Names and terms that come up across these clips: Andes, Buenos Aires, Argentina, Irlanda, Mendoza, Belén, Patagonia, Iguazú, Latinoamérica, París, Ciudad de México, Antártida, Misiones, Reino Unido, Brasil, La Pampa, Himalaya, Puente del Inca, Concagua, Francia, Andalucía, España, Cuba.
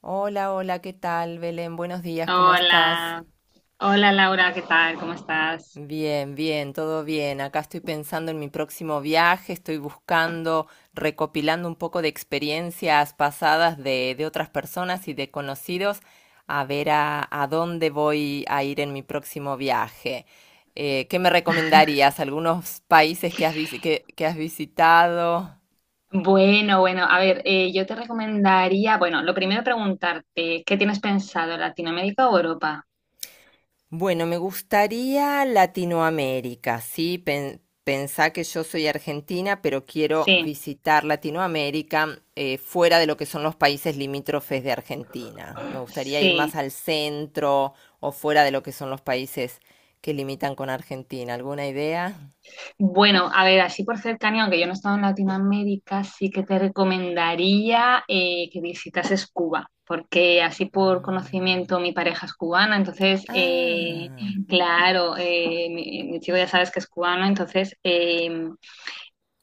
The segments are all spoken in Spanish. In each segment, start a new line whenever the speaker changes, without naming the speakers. Hola, hola, ¿qué tal, Belén? Buenos días, ¿cómo estás?
Hola, hola Laura, ¿qué tal? ¿Cómo estás?
Bien, bien, todo bien. Acá estoy pensando en mi próximo viaje, estoy buscando, recopilando un poco de experiencias pasadas de otras personas y de conocidos, a ver a dónde voy a ir en mi próximo viaje. ¿Qué me recomendarías? ¿Algunos países que que has visitado?
Bueno, a ver, yo te recomendaría, bueno, lo primero preguntarte, ¿qué tienes pensado, Latinoamérica o Europa?
Bueno, me gustaría Latinoamérica, ¿sí? Pensá que yo soy argentina, pero quiero
Sí,
visitar Latinoamérica fuera de lo que son los países limítrofes de Argentina. Me gustaría ir más
sí.
al centro o fuera de lo que son los países que limitan con Argentina. ¿Alguna idea?
Bueno, a ver, así por cercanía, aunque yo no he estado en Latinoamérica, sí que te recomendaría que visitases Cuba, porque así por
Mm.
conocimiento mi pareja es cubana, entonces,
Ah.
claro, mi chico ya sabes que es cubano, entonces,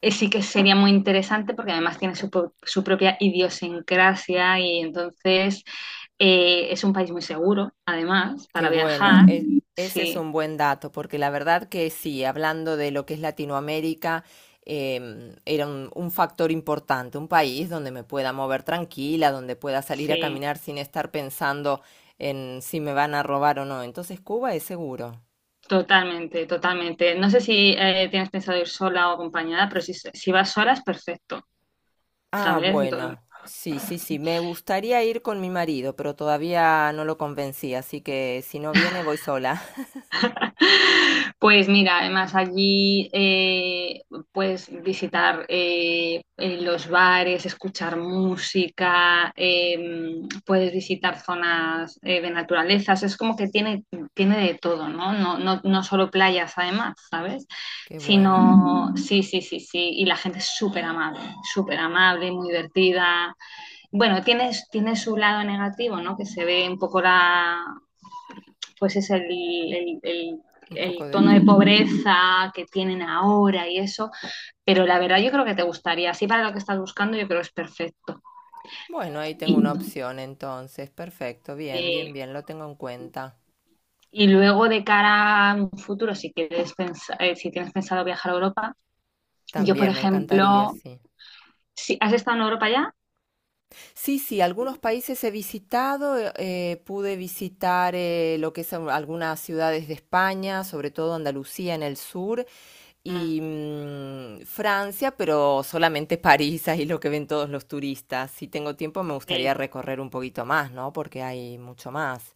sí que sería muy interesante porque además tiene su propia idiosincrasia y entonces es un país muy seguro, además,
Qué
para
bueno,
viajar.
ese es
Sí,
un buen dato, porque la verdad que sí, hablando de lo que es Latinoamérica, era un factor importante, un país donde me pueda mover tranquila, donde pueda salir a
sí,
caminar sin estar pensando en si me van a robar o no. Entonces Cuba es seguro.
totalmente, totalmente. No sé si tienes pensado ir sola o acompañada, pero si vas sola es perfecto,
Ah,
¿sabes?
bueno, sí, sí, sí, me gustaría ir con mi marido, pero todavía no lo convencí, así que si no viene voy sola.
Pues mira, además allí puedes visitar los bares, escuchar música, puedes visitar zonas de naturaleza, o sea, es como que tiene de todo, ¿no? No solo playas además, ¿sabes?
Qué bueno,
Sino, sí, sí, sí, sí, y la gente es súper amable, muy divertida. Bueno, tiene su lado negativo, ¿no? Que se ve un poco pues es
un poco de...
tono de
po-
pobreza que tienen ahora y eso. Pero la verdad yo creo que te gustaría, así para lo que estás buscando yo creo que es perfecto.
Bueno, ahí
Y,
tengo una opción entonces. Perfecto, bien,
eh,
bien, bien, lo tengo en cuenta.
y luego de cara a un futuro, si, quieres pensar, si tienes pensado viajar a Europa, yo por
También me encantaría,
ejemplo,
sí.
si, ¿has estado en Europa ya?
Sí, sí, algunos países he visitado, pude visitar lo que es algunas ciudades de España, sobre todo Andalucía en el sur, y
Mm,
Francia, pero solamente París, ahí lo que ven todos los turistas. Si tengo tiempo me gustaría
sí.
recorrer un poquito más, ¿no? Porque hay mucho más.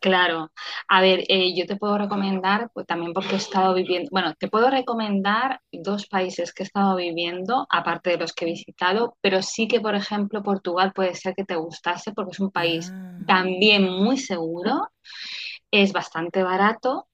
Claro, a ver, yo te puedo recomendar, pues también porque he estado viviendo, bueno, te puedo recomendar dos países que he estado viviendo, aparte de los que he visitado, pero sí que, por ejemplo, Portugal puede ser que te gustase porque es un país
Ah,
también muy seguro, es bastante barato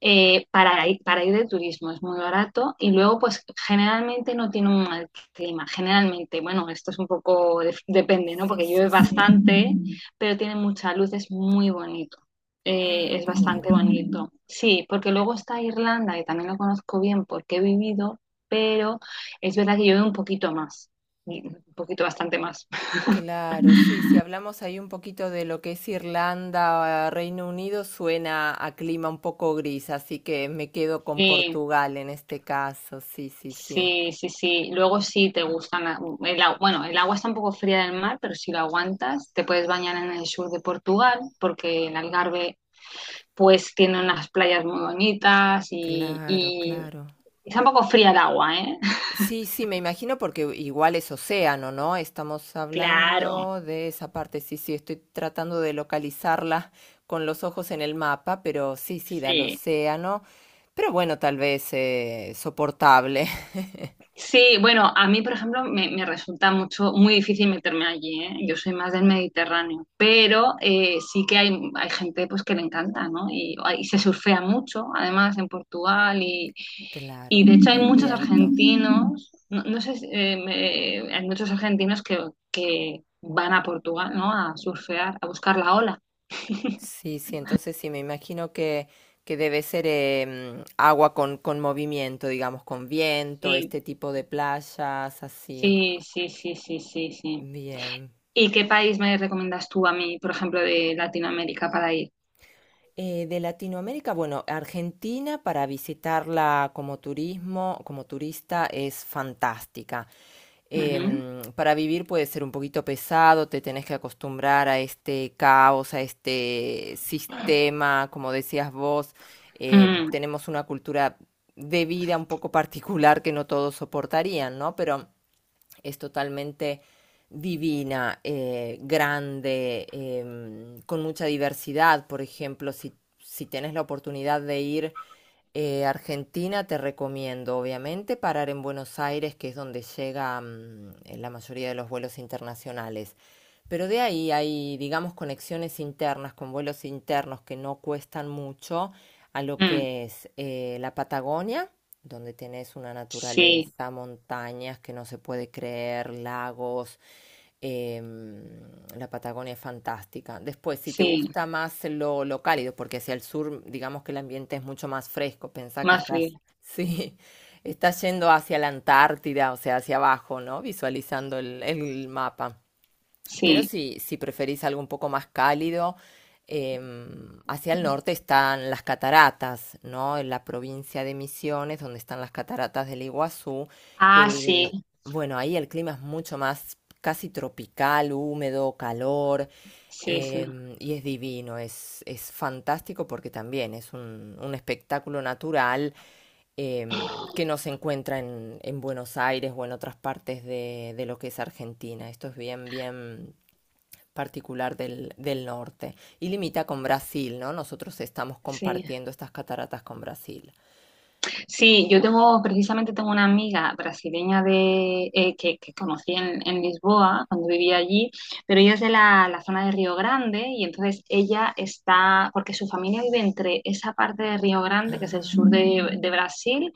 para ir de turismo, es muy barato y luego pues generalmente no tiene un mal clima, generalmente, bueno, esto es un poco, depende, ¿no?
sí,
Porque llueve
sí, sí.
bastante, pero tiene mucha luz, es muy bonito,
Ah,
es
qué
bastante
bueno.
bonito. Sí, porque luego está Irlanda, que también lo conozco bien porque he vivido, pero es verdad que llueve un poquito más, un poquito bastante más.
Claro, sí, si hablamos ahí un poquito de lo que es Irlanda, ah, Reino Unido, suena a clima un poco gris, así que me quedo con
Sí.
Portugal en este caso, sí, sí, sí.
Sí, sí, sí. Luego sí te gustan, el agua, bueno, el agua está un poco fría del mar, pero si lo aguantas, te puedes bañar en el sur de Portugal, porque el Algarve pues tiene unas playas muy bonitas
Claro,
y
claro.
está un poco fría el agua, ¿eh?
Sí, sí, me imagino porque igual es océano, ¿no? Estamos
Claro.
hablando de esa parte, sí, sí, estoy tratando de localizarla con los ojos en el mapa, pero sí, sí, da al
Sí.
océano, pero bueno, tal vez soportable.
Sí, bueno, a mí, por ejemplo, me resulta mucho, muy difícil meterme allí, ¿eh? Yo soy más del Mediterráneo, pero sí que hay gente pues, que le encanta, ¿no? Y se surfea mucho, además, en Portugal, y
Claro,
de hecho hay
el
muchos
viento.
argentinos, no, no sé, si, hay muchos argentinos que van a Portugal, ¿no? A surfear, a buscar la ola.
Sí, sí, entonces sí, me imagino que debe ser agua con movimiento, digamos, con viento,
Sí,
este tipo de playas, así.
sí, sí, sí, sí, sí, sí.
Bien.
¿Y qué país me recomiendas tú a mí, por ejemplo, de Latinoamérica para ir?
De Latinoamérica, bueno, Argentina para visitarla como turismo, como turista es fantástica. Para vivir puede ser un poquito pesado, te tenés que acostumbrar a este caos, a este sistema, como decías vos,
Mm,
tenemos una cultura de vida un poco particular que no todos soportarían, ¿no? Pero es totalmente divina, grande, con mucha diversidad. Por ejemplo, si, si tenés la oportunidad de ir a Argentina, te recomiendo, obviamente, parar en Buenos Aires, que es donde llega la mayoría de los vuelos internacionales. Pero de ahí hay, digamos, conexiones internas con vuelos internos que no cuestan mucho a lo
mm,
que es la Patagonia, donde tenés una
sí,
naturaleza, montañas que no se puede creer, lagos. em, la Patagonia es fantástica. Después, si te
sí,
gusta más lo cálido, porque hacia el sur, digamos que el ambiente es mucho más fresco, pensá que
más
estás,
frío,
sí, estás yendo hacia la Antártida, o sea, hacia abajo, ¿no? Visualizando el mapa. Pero
sí.
si, si preferís algo un poco más cálido, eh, hacia el norte están las cataratas, ¿no? En la provincia de Misiones, donde están las cataratas del Iguazú, que
Ah, sí,
el, bueno, ahí el clima es mucho más casi tropical, húmedo, calor.
sí, sí,
Y es divino, es fantástico porque también es un espectáculo natural que no se encuentra en Buenos Aires o en otras partes de lo que es Argentina. Esto es bien, bien particular del norte. Y limita con Brasil, ¿no? Nosotros estamos
sí.
compartiendo estas cataratas con Brasil.
Sí, yo tengo, precisamente tengo una amiga brasileña de, que conocí en Lisboa cuando vivía allí, pero ella es de la zona de Río Grande y entonces ella está, porque su familia vive entre esa parte de Río Grande, que es el
Ah,
sur de Brasil,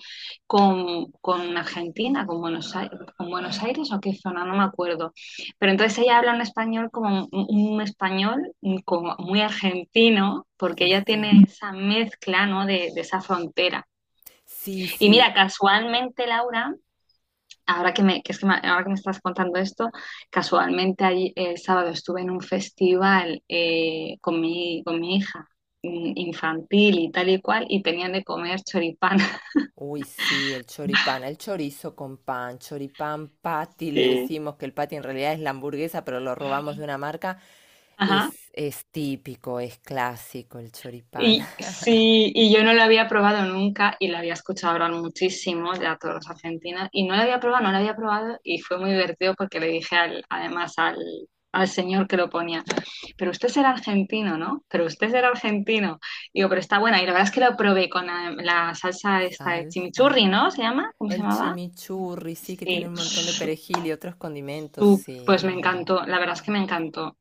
con Argentina, con Buenos Aires o qué zona, no me acuerdo. Pero entonces ella habla un español como muy argentino, porque
sí,
ella tiene
sí.
esa mezcla, ¿no? De esa frontera.
Sí,
Y
sí,
mira, casualmente, Laura, ahora que me, que es que me- ahora que me estás contando esto, el sábado estuve en un festival con con mi hija infantil y tal y cual, y tenían de comer choripán.
uy, sí, el choripán, el chorizo con pan, choripán patty, le
Sí.
decimos que el patty en realidad es la hamburguesa, pero lo robamos de una marca.
Ajá.
Es típico, es clásico el choripán.
Y sí, y yo no la había probado nunca y la había escuchado hablar muchísimo de a todos los argentinos y no la había probado, no la había probado y fue muy divertido porque le dije, además, al señor que lo ponía, pero usted será argentino, ¿no? Pero usted será argentino. Digo, pero está buena y la verdad es que lo probé con la salsa esta de
Salsa.
chimichurri, ¿no? ¿Se llama? ¿Cómo se
El
llamaba?
chimichurri, sí, que tiene
Sí,
un montón de perejil y otros condimentos,
pues me
sí.
encantó, la verdad es que me encantó.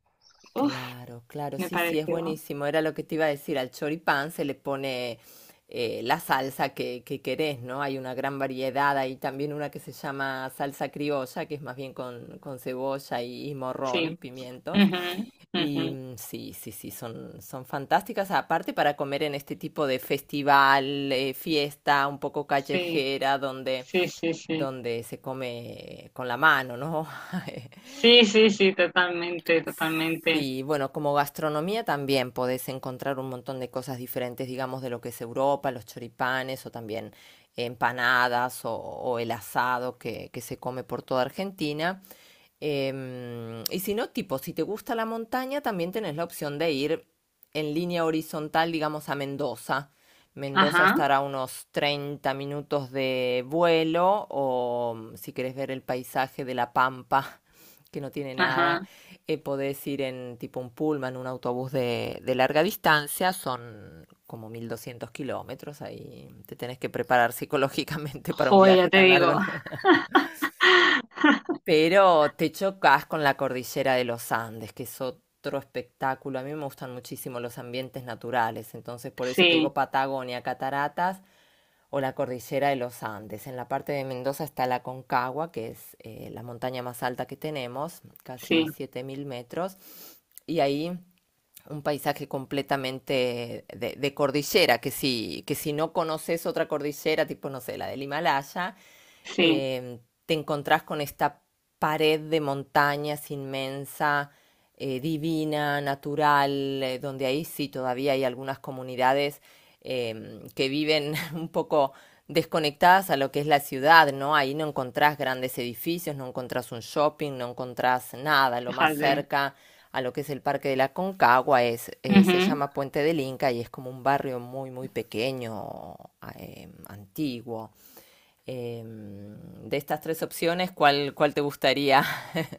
Uf,
Claro, claro,
me
sí, sí, es
pareció,
buenísimo. Era lo que te iba a decir, al choripán se le pone la salsa que querés, ¿no? Hay una gran variedad, hay también una que se llama salsa criolla, que es más bien con cebolla y morrón,
sí.
pimientos.
Ujú,
Y
ujú.
mm, sí, sí, sí, son, son fantásticas, aparte para comer en este tipo de festival, fiesta un poco
Sí,
callejera,
sí, sí, sí.
donde se come con la mano, ¿no?
Sí, sí, sí, totalmente, totalmente.
Sí, bueno, como gastronomía también podés encontrar un montón de cosas diferentes, digamos, de lo que es Europa, los choripanes o también empanadas o el asado que se come por toda Argentina. Y si no, tipo, si te gusta la montaña, también tenés la opción de ir en línea horizontal, digamos, a Mendoza. Mendoza
Ajá,
estará a unos 30 minutos de vuelo o si querés ver el paisaje de La Pampa, que no tiene nada,
ajá.
podés ir en tipo un pullman, un autobús de larga distancia, son como 1200 km, ahí te tenés que preparar psicológicamente para un
Joder, ya
viaje
te
tan largo,
digo.
pero te chocas con la cordillera de los Andes, que es otro espectáculo, a mí me gustan muchísimo los ambientes naturales, entonces por eso te digo
Sí,
Patagonia, cataratas, o la cordillera de los Andes. En la parte de Mendoza está la Concagua, que es la montaña más alta que tenemos, casi
sí,
7000 metros, y ahí un paisaje completamente cordillera, que si no conoces otra cordillera, tipo, no sé, la del Himalaya,
sí,
eh, te encontrás con esta pared de montañas inmensa, divina, natural, donde ahí sí todavía hay algunas comunidades que viven un poco desconectadas a lo que es la ciudad, ¿no? Ahí no encontrás grandes edificios, no encontrás un shopping, no encontrás nada. Lo más
fíjate.
cerca a lo que es el Parque de la Concagua es, se
Ujú.
llama Puente del Inca y es como un barrio muy, muy pequeño, antiguo. De estas tres opciones, ¿cuál, cuál te gustaría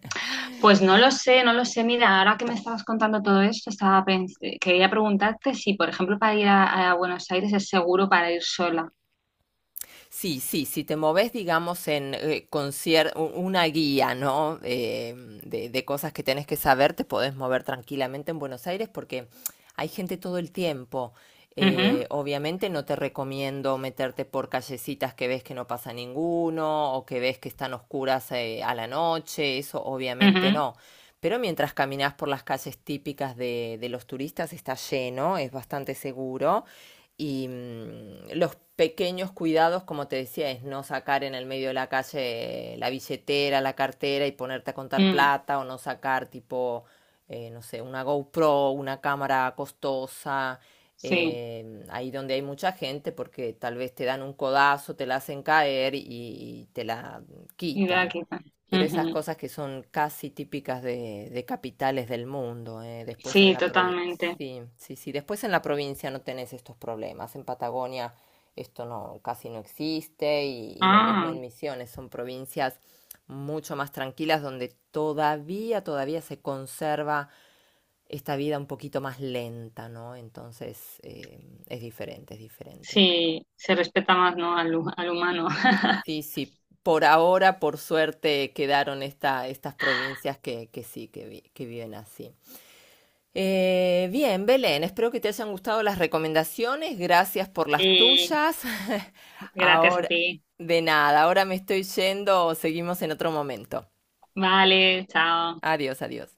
Pues no lo sé, no lo sé. Mira, ahora que me estabas contando todo esto, quería preguntarte si, por ejemplo, para ir a Buenos Aires es seguro para ir sola.
Sí, sí, si te moves, digamos, en una guía, ¿no? De cosas que tenés que saber, te podés mover tranquilamente en Buenos Aires porque hay gente todo el tiempo.
Ujú,
Obviamente no te recomiendo meterte por callecitas que ves que no pasa ninguno o que ves que están oscuras a la noche, eso obviamente
ujú,
no. Pero mientras caminas por las calles típicas de los turistas está lleno, es bastante seguro. Y mm, los pequeños cuidados, como te decía, es no sacar en el medio de la calle la billetera, la cartera y ponerte a contar
mm,
plata o no sacar tipo, no sé, una GoPro, una cámara costosa,
sí,
ahí donde hay mucha gente porque tal vez te dan un codazo, te la hacen caer y te la
idea
quitan.
quita.
Pero esas
Ujú.
cosas que son casi típicas de capitales del mundo, ¿eh? Después en
Sí,
la provincia.
totalmente.
Sí, sí, sí. Después en la provincia no tenés estos problemas. En Patagonia esto no, casi no existe y lo mismo
Ah,
en Misiones. Son provincias mucho más tranquilas donde todavía, todavía se conserva esta vida un poquito más lenta, ¿no? Entonces es diferente, es diferente.
sí, se respeta más, ¿no? Al humano.
Sí, sí. Por ahora, por suerte, quedaron esta, estas provincias que sí, que, que viven así. Bien, Belén, espero que te hayan gustado las recomendaciones. Gracias por las
Sí,
tuyas.
gracias a
Ahora,
ti.
de nada, ahora me estoy yendo. Seguimos en otro momento.
Vale, chao.
Adiós, adiós.